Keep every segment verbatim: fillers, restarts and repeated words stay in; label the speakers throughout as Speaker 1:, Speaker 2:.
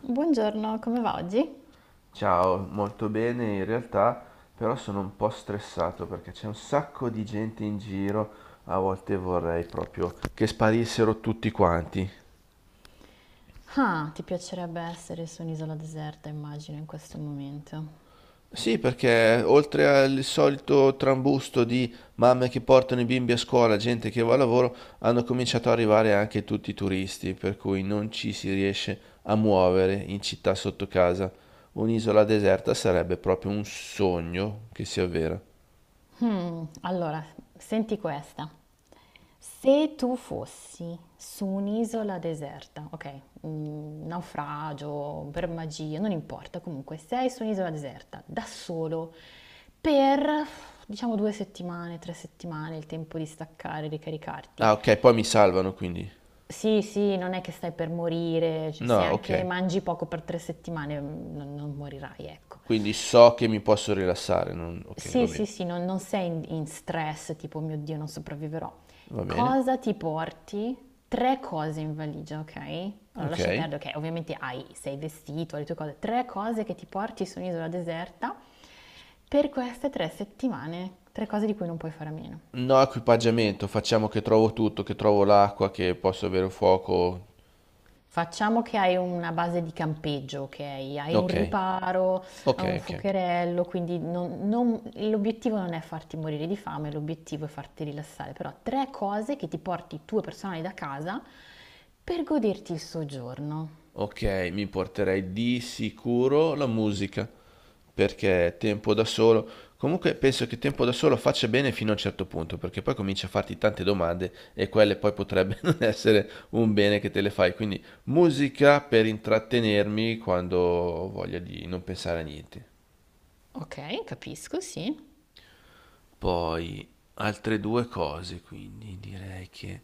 Speaker 1: Buongiorno, come va oggi?
Speaker 2: Ciao, molto bene in realtà, però sono un po' stressato perché c'è un sacco di gente in giro, a volte vorrei proprio che sparissero tutti quanti.
Speaker 1: Ah, ti piacerebbe essere su un'isola deserta, immagino, in questo momento.
Speaker 2: Sì, perché oltre al solito trambusto di mamme che portano i bimbi a scuola, gente che va al lavoro, hanno cominciato ad arrivare anche tutti i turisti, per cui non ci si riesce a muovere in città sotto casa. Un'isola deserta sarebbe proprio un sogno che si avvera.
Speaker 1: Hmm, allora, senti questa. Se tu fossi su un'isola deserta, ok, mm, naufragio, per magia, non importa, comunque sei su un'isola deserta, da solo, per diciamo due settimane, tre settimane, il tempo di staccare, ricaricarti.
Speaker 2: Ah, ok, poi mi salvano quindi.
Speaker 1: Sì, sì, non è che stai per morire, cioè, se
Speaker 2: No, ok.
Speaker 1: anche mangi poco per tre settimane mm, non, non morirai, ecco.
Speaker 2: Quindi so che mi posso rilassare. non- Ok, va
Speaker 1: Sì,
Speaker 2: bene.
Speaker 1: sì, sì, non, non sei in, in stress, tipo, "Oh mio Dio, non sopravviverò."
Speaker 2: Va bene.
Speaker 1: Cosa ti porti? Tre cose in valigia, ok? Allora lascia
Speaker 2: Ok.
Speaker 1: perdere che ovviamente hai, sei vestito, le tue cose. Tre cose che ti porti su un'isola deserta per queste tre settimane, tre cose di cui non puoi fare a meno.
Speaker 2: No equipaggiamento, facciamo che trovo tutto, che trovo l'acqua, che posso avere un fuoco.
Speaker 1: Facciamo che hai una base di campeggio, ok? Hai un
Speaker 2: Ok,
Speaker 1: riparo,
Speaker 2: ok,
Speaker 1: hai un
Speaker 2: ok. Ok.
Speaker 1: fuocherello, quindi non- non- l'obiettivo non è farti morire di fame, l'obiettivo è farti rilassare, però tre cose che ti porti tue personali da casa per goderti il soggiorno.
Speaker 2: Ok, mi porterei di sicuro la musica, perché tempo da solo. Comunque penso che tempo da solo faccia bene fino a un certo punto, perché poi comincia a farti tante domande e quelle poi potrebbe non essere un bene che te le fai. Quindi musica per intrattenermi quando ho voglia di non pensare a niente.
Speaker 1: Ok, capisco, sì.
Speaker 2: Poi altre due cose, quindi direi che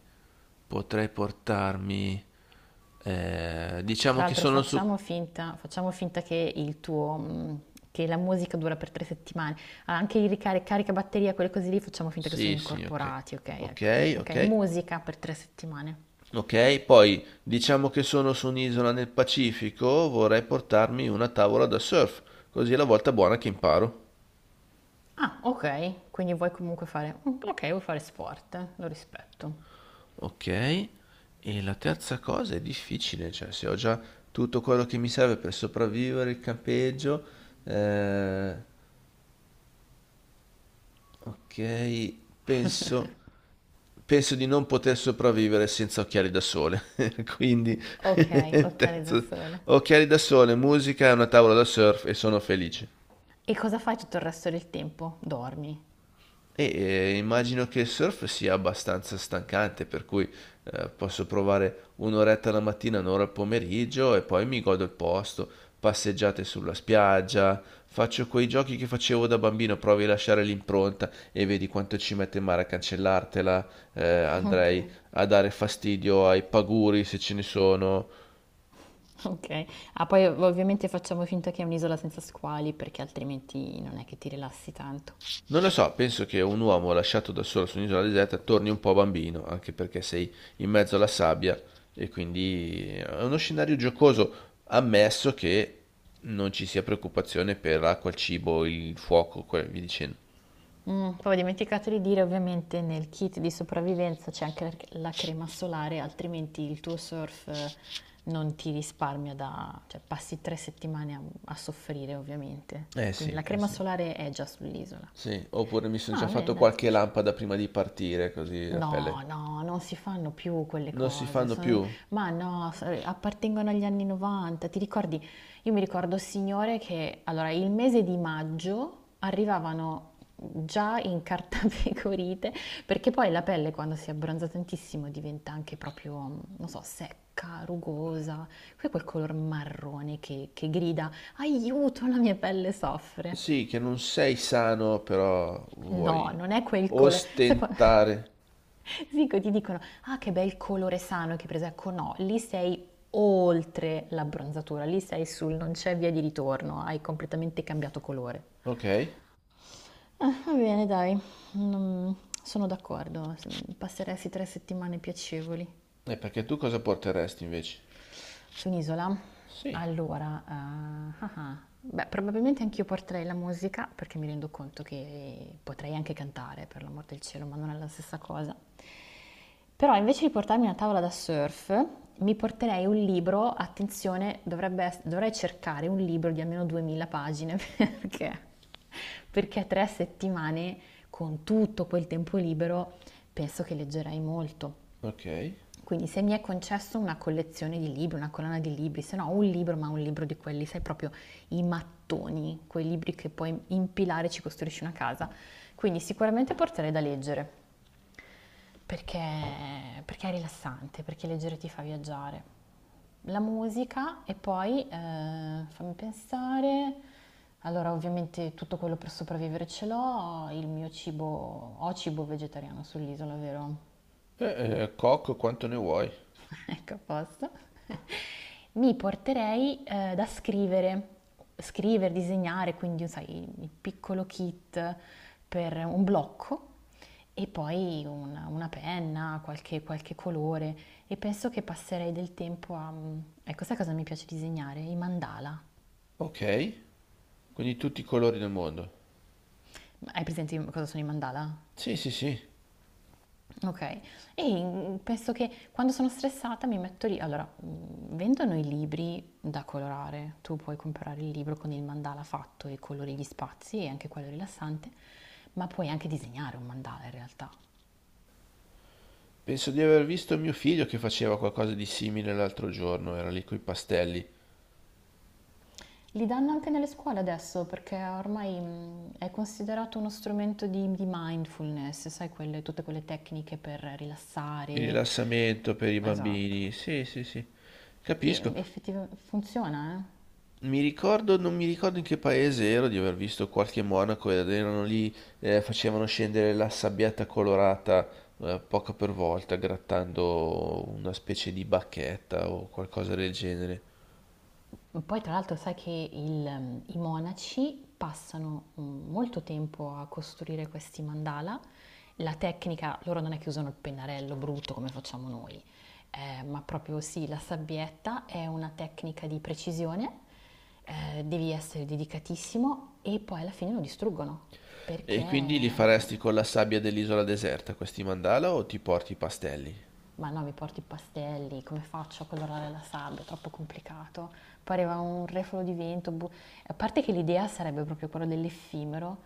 Speaker 2: potrei portarmi... eh, diciamo
Speaker 1: Tra
Speaker 2: che
Speaker 1: l'altro
Speaker 2: sono su...
Speaker 1: facciamo finta, facciamo finta che il tuo, mm, che la musica dura per tre settimane. Ah, anche il ricarica caricabatteria, quelle cose lì, facciamo finta che sono
Speaker 2: Sì, sì, ok.
Speaker 1: incorporati, ok? Ecco.
Speaker 2: Ok,
Speaker 1: Ok,
Speaker 2: ok.
Speaker 1: musica per tre settimane.
Speaker 2: Ok, poi diciamo che sono su un'isola nel Pacifico, vorrei portarmi una tavola da surf, così è la volta buona che imparo.
Speaker 1: Ah, ok, quindi vuoi comunque fare. mm, Ok, vuoi fare sport, lo rispetto.
Speaker 2: Ok, e la terza cosa è difficile, cioè se ho già tutto quello che mi serve per sopravvivere il campeggio, eh, ok, penso penso di non poter sopravvivere senza occhiali da sole. Quindi,
Speaker 1: Ok, occhiali da
Speaker 2: terzo,
Speaker 1: sole.
Speaker 2: occhiali da sole, musica e una tavola da surf e sono felice.
Speaker 1: E cosa fai tutto il resto del tempo? Dormi.
Speaker 2: E eh, immagino che il surf sia abbastanza stancante, per cui eh, posso provare un'oretta la mattina, un'ora al pomeriggio e poi mi godo il posto, passeggiate sulla spiaggia, faccio quei giochi che facevo da bambino, provi a lasciare l'impronta e vedi quanto ci mette in mare a cancellartela, eh,
Speaker 1: Ok,
Speaker 2: andrei a dare fastidio ai paguri se ce ne sono.
Speaker 1: ok. Ah, poi ovviamente facciamo finta che è un'isola senza squali perché altrimenti non è che ti rilassi tanto.
Speaker 2: Non lo so, penso che un uomo lasciato da solo su un'isola deserta torni un po' bambino, anche perché sei in mezzo alla sabbia e quindi è uno scenario giocoso, ammesso che non ci sia preoccupazione per l'acqua, il cibo, il fuoco, que- via dicendo.
Speaker 1: Mh, poi ho dimenticato di dire ovviamente nel kit di sopravvivenza c'è anche la c la crema solare, altrimenti il tuo surf eh, non ti risparmia da cioè passi tre settimane a a soffrire ovviamente.
Speaker 2: Eh
Speaker 1: Quindi
Speaker 2: sì,
Speaker 1: la
Speaker 2: eh
Speaker 1: crema
Speaker 2: sì.
Speaker 1: solare è già sull'isola.
Speaker 2: Sì, oppure mi sono già
Speaker 1: Ah, bene
Speaker 2: fatto
Speaker 1: dai.
Speaker 2: qualche lampada prima di partire, così la
Speaker 1: No,
Speaker 2: pelle.
Speaker 1: no, non si fanno più quelle
Speaker 2: Non si
Speaker 1: cose,
Speaker 2: fanno
Speaker 1: son-
Speaker 2: più?
Speaker 1: ma no, so- appartengono agli anni novanta. Ti ricordi? Io mi ricordo, signore, che allora il mese di maggio arrivavano già in cartapecorite, perché poi la pelle quando si abbronza tantissimo diventa anche proprio, non so, secca, rugosa, poi quel color marrone che, che grida, aiuto, la mia pelle soffre.
Speaker 2: Sì, che non sei sano, però
Speaker 1: No,
Speaker 2: vuoi
Speaker 1: non è quel colore.
Speaker 2: ostentare.
Speaker 1: Dico, ti dicono, ah che bel colore sano che hai preso, ecco no, lì sei oltre l'abbronzatura, lì sei sul non c'è via di ritorno, hai completamente cambiato colore.
Speaker 2: Ok, e
Speaker 1: Ah, va bene, dai. Non- Sono d'accordo, passeresti tre settimane piacevoli
Speaker 2: perché tu cosa porteresti invece?
Speaker 1: su un'isola.
Speaker 2: Sì,
Speaker 1: Allora, eh, ah ah. Beh, probabilmente anch'io porterei la musica perché mi rendo conto che potrei anche cantare, per l'amor del cielo, ma non è la stessa cosa. Però invece di portarmi una tavola da surf, mi porterei un libro, attenzione, dovrebbe ess- dovrei cercare un libro di almeno duemila pagine perché, perché tre settimane con tutto quel tempo libero penso che leggerei molto.
Speaker 2: ok. Eh,
Speaker 1: Quindi se mi è concesso una collezione di libri, una colonna di libri, se no un libro, ma un libro di quelli, sai proprio i mattoni, quei libri che puoi impilare e ci costruisci una casa. Quindi sicuramente porterei da leggere, perché, perché è rilassante, perché leggere ti fa viaggiare. La musica e poi, eh, fammi pensare, allora ovviamente tutto quello per sopravvivere ce l'ho, il mio cibo, ho cibo vegetariano sull'isola, vero?
Speaker 2: eh, cocco quanto ne vuoi.
Speaker 1: Ecco, a posto. Mi porterei eh, da scrivere, scrivere, disegnare, quindi sai, il piccolo kit per un blocco e poi una, una penna, qualche, qualche colore e penso che passerei del tempo a. mm, Ecco, sai cosa mi piace disegnare? I mandala.
Speaker 2: Ok, quindi tutti i colori del mondo.
Speaker 1: Hai presente cosa sono i mandala?
Speaker 2: Sì, sì, sì.
Speaker 1: Okay. E, mhmm, penso che quando sono stressata mi metto lì allora, mhmm, vendono i libri da colorare, tu puoi comprare il libro con il mandala fatto e colori gli spazi e anche quello è rilassante, ma puoi anche disegnare un mandala in realtà.
Speaker 2: Penso di aver visto mio figlio che faceva qualcosa di simile l'altro giorno, era lì coi pastelli.
Speaker 1: Li danno anche nelle scuole adesso perché ormai, mhmm, è considerato uno strumento di di mindfulness, sai quelle tutte quelle tecniche per
Speaker 2: Il
Speaker 1: rilassare.
Speaker 2: rilassamento per i
Speaker 1: Esatto.
Speaker 2: bambini. Sì, sì, sì.
Speaker 1: E
Speaker 2: Capisco.
Speaker 1: effettiva funziona, eh.
Speaker 2: Mi ricordo, non mi ricordo in che paese ero di aver visto qualche monaco ed erano lì, eh, facevano scendere la sabbietta colorata, eh, poco per volta, grattando una specie di bacchetta o qualcosa del genere.
Speaker 1: Poi tra l'altro sai che il- ehm, i monaci passano mm, molto tempo a costruire questi mandala. La tecnica, loro non è che usano il pennarello brutto come facciamo noi, eh, ma proprio sì, la sabbietta è una tecnica di precisione, eh, devi essere dedicatissimo e poi alla fine lo distruggono perché
Speaker 2: E quindi li
Speaker 1: eh,
Speaker 2: faresti con la sabbia dell'isola deserta questi mandala o ti porti i pastelli?
Speaker 1: ma no, mi porti i pastelli, come faccio a colorare la sabbia, è troppo complicato. Pareva un refolo di vento. Bu- a parte che l'idea sarebbe proprio quella dell'effimero,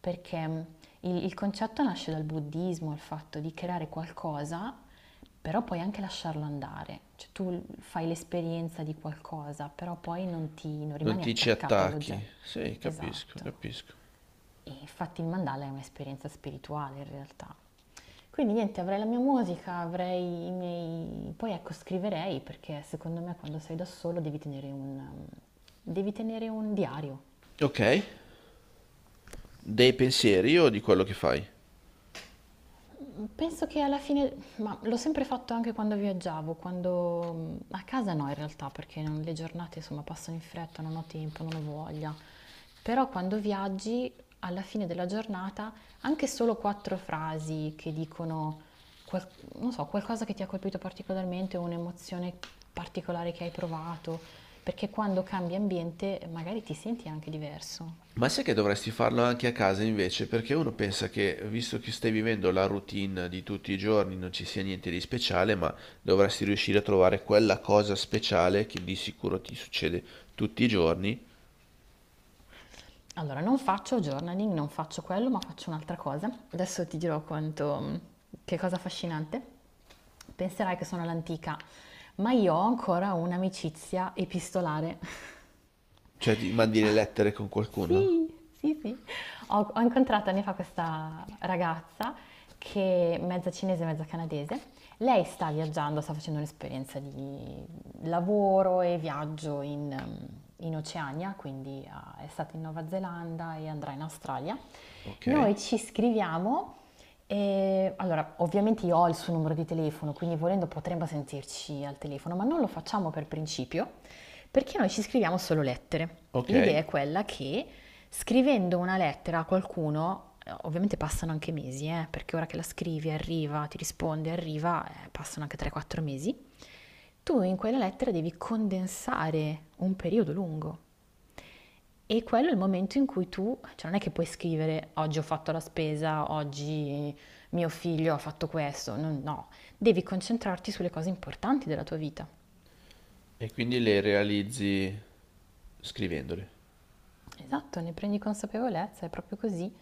Speaker 1: perché mh, il, il concetto nasce dal buddismo, il fatto di creare qualcosa, però puoi anche lasciarlo andare. Cioè tu l- fai l'esperienza di qualcosa, però poi non ti, non
Speaker 2: Non
Speaker 1: rimani
Speaker 2: ti ci
Speaker 1: attaccato
Speaker 2: attacchi?
Speaker 1: all'oggetto.
Speaker 2: Sì, capisco,
Speaker 1: Esatto.
Speaker 2: capisco.
Speaker 1: E infatti il mandala è un'esperienza spirituale in realtà. Quindi niente, avrei la mia musica, avrei i miei. Poi ecco, scriverei perché secondo me quando sei da solo devi tenere un, devi tenere un diario.
Speaker 2: Ok, dei pensieri o di quello che fai?
Speaker 1: Penso che alla fine, ma l'ho sempre fatto anche quando viaggiavo, quando mm, a casa no in realtà, perché non- le giornate insomma passano in fretta, non ho tempo, non ho voglia. Però quando viaggi, alla fine della giornata, anche solo quattro frasi che dicono, qual- non so, qualcosa che ti ha colpito particolarmente, un'emozione particolare che hai provato, perché quando cambi ambiente magari ti senti anche diverso.
Speaker 2: Ma sai che dovresti farlo anche a casa invece, perché uno pensa che, visto che stai vivendo la routine di tutti i giorni, non ci sia niente di speciale, ma dovresti riuscire a trovare quella cosa speciale che di sicuro ti succede tutti i giorni.
Speaker 1: Allora, non faccio journaling, non faccio quello, ma faccio un'altra cosa. Adesso ti dirò quanto, che cosa affascinante. Penserai che sono all'antica, ma io ho ancora un'amicizia epistolare.
Speaker 2: Cioè, ti mandi le lettere con qualcuno?
Speaker 1: Sì, sì, sì. Ho, ho incontrato anni fa questa ragazza che è mezza cinese, mezza canadese. Lei sta viaggiando, sta facendo un'esperienza di lavoro e viaggio in, ehm, in Oceania, quindi ah, è stata in Nuova Zelanda e andrà in Australia.
Speaker 2: Ok,
Speaker 1: Noi ci scriviamo e allora ovviamente io ho il suo numero di telefono, quindi volendo potremmo sentirci al telefono, ma non lo facciamo per principio perché noi ci scriviamo solo lettere. L'idea
Speaker 2: ok.
Speaker 1: è quella che scrivendo una lettera a qualcuno, eh, ovviamente passano anche mesi, eh, perché ora che la scrivi arriva, ti risponde, arriva, eh, passano anche tre quattro mesi, tu in quella lettera devi condensare un periodo lungo. E quello è il momento in cui tu, cioè non è che puoi scrivere oggi ho fatto la spesa, oggi mio figlio ha fatto questo, no, no. Devi concentrarti sulle cose importanti della tua vita.
Speaker 2: E quindi le realizzi scrivendole.
Speaker 1: Esatto, ne prendi consapevolezza, è proprio così,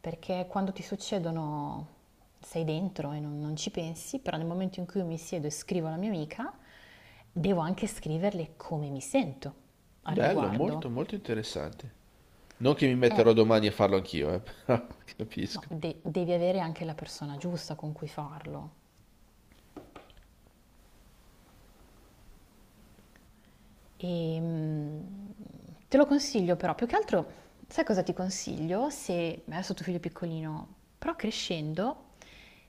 Speaker 1: perché quando ti succedono sei dentro e non, non ci pensi, però nel momento in cui io mi siedo e scrivo alla mia amica, devo anche scriverle come mi sento al
Speaker 2: Bello,
Speaker 1: riguardo.
Speaker 2: molto, molto interessante. Non che mi
Speaker 1: Eh,
Speaker 2: metterò domani a farlo anch'io, eh, però
Speaker 1: no,
Speaker 2: capisco.
Speaker 1: de- devi avere anche la persona giusta con cui farlo. E, mm, te lo consiglio però, più che altro, sai cosa ti consiglio? Se adesso tuo figlio è piccolino, però crescendo,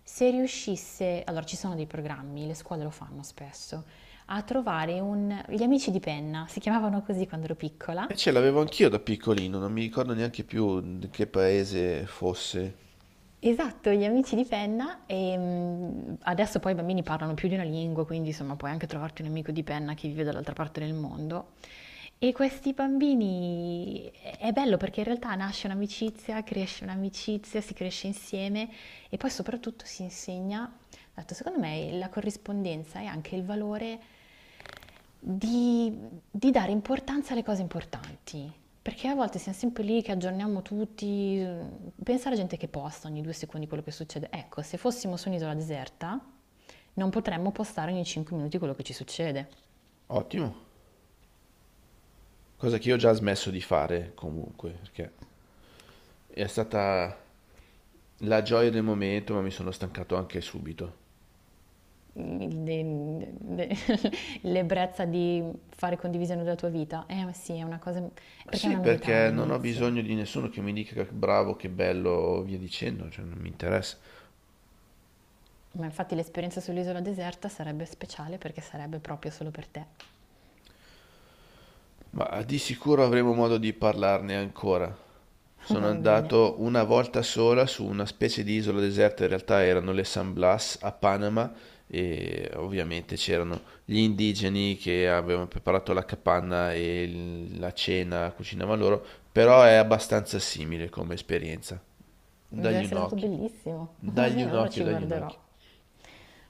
Speaker 1: se riuscisse, allora ci sono dei programmi, le scuole lo fanno spesso, a trovare un, gli amici di penna, si chiamavano così quando ero piccola.
Speaker 2: E ce l'avevo anch'io da piccolino, non mi ricordo neanche più di che paese fosse.
Speaker 1: Esatto, gli amici di penna e mm, adesso poi i bambini parlano più di una lingua, quindi insomma puoi anche trovarti un amico di penna che vive dall'altra parte del mondo. E questi bambini è è bello perché in realtà nasce un'amicizia, cresce un'amicizia, si cresce insieme e poi soprattutto si insegna, dato secondo me la corrispondenza e anche il valore di, di dare importanza alle cose importanti. Perché a volte siamo sempre lì che aggiorniamo tutti, pensa alla gente che posta ogni due secondi quello che succede. Ecco, se fossimo su un'isola deserta non potremmo postare ogni cinque minuti quello che ci succede.
Speaker 2: Ottimo, cosa che io ho già smesso di fare comunque, perché è stata la gioia del momento, ma mi sono stancato anche subito.
Speaker 1: il- de- de- L'ebbrezza di fare condivisione della tua vita. Eh ma sì, è una cosa, perché è
Speaker 2: Sì,
Speaker 1: una novità
Speaker 2: perché non ho
Speaker 1: all'inizio.
Speaker 2: bisogno di nessuno che mi dica che bravo, che bello, via dicendo, cioè non mi interessa.
Speaker 1: Ma infatti l'esperienza sull'isola deserta sarebbe speciale perché sarebbe proprio solo per te.
Speaker 2: Ma di sicuro avremo modo di parlarne ancora. Sono
Speaker 1: Va bene,
Speaker 2: andato una volta sola su una specie di isola deserta, in realtà erano le San Blas a Panama e ovviamente c'erano gli indigeni che avevano preparato la capanna e il- la cena cucinavano loro, però è abbastanza simile come esperienza.
Speaker 1: deve
Speaker 2: Dagli un
Speaker 1: essere stato
Speaker 2: occhio,
Speaker 1: bellissimo. Va
Speaker 2: dagli
Speaker 1: bene,
Speaker 2: un
Speaker 1: allora
Speaker 2: occhio,
Speaker 1: ci
Speaker 2: dagli un
Speaker 1: guarderò.
Speaker 2: occhio.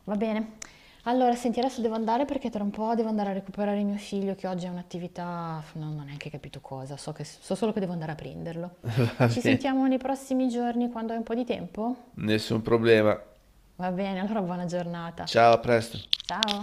Speaker 1: Va bene. Allora, senti, adesso devo andare perché tra un po' devo andare a recuperare mio figlio che oggi è un'attività, non ho neanche capito cosa, so che- so solo che devo andare a prenderlo.
Speaker 2: Va
Speaker 1: Ci
Speaker 2: bene,
Speaker 1: sentiamo nei prossimi giorni quando hai un po' di tempo?
Speaker 2: nessun problema.
Speaker 1: Va bene, allora buona giornata.
Speaker 2: Ciao, a presto.
Speaker 1: Ciao.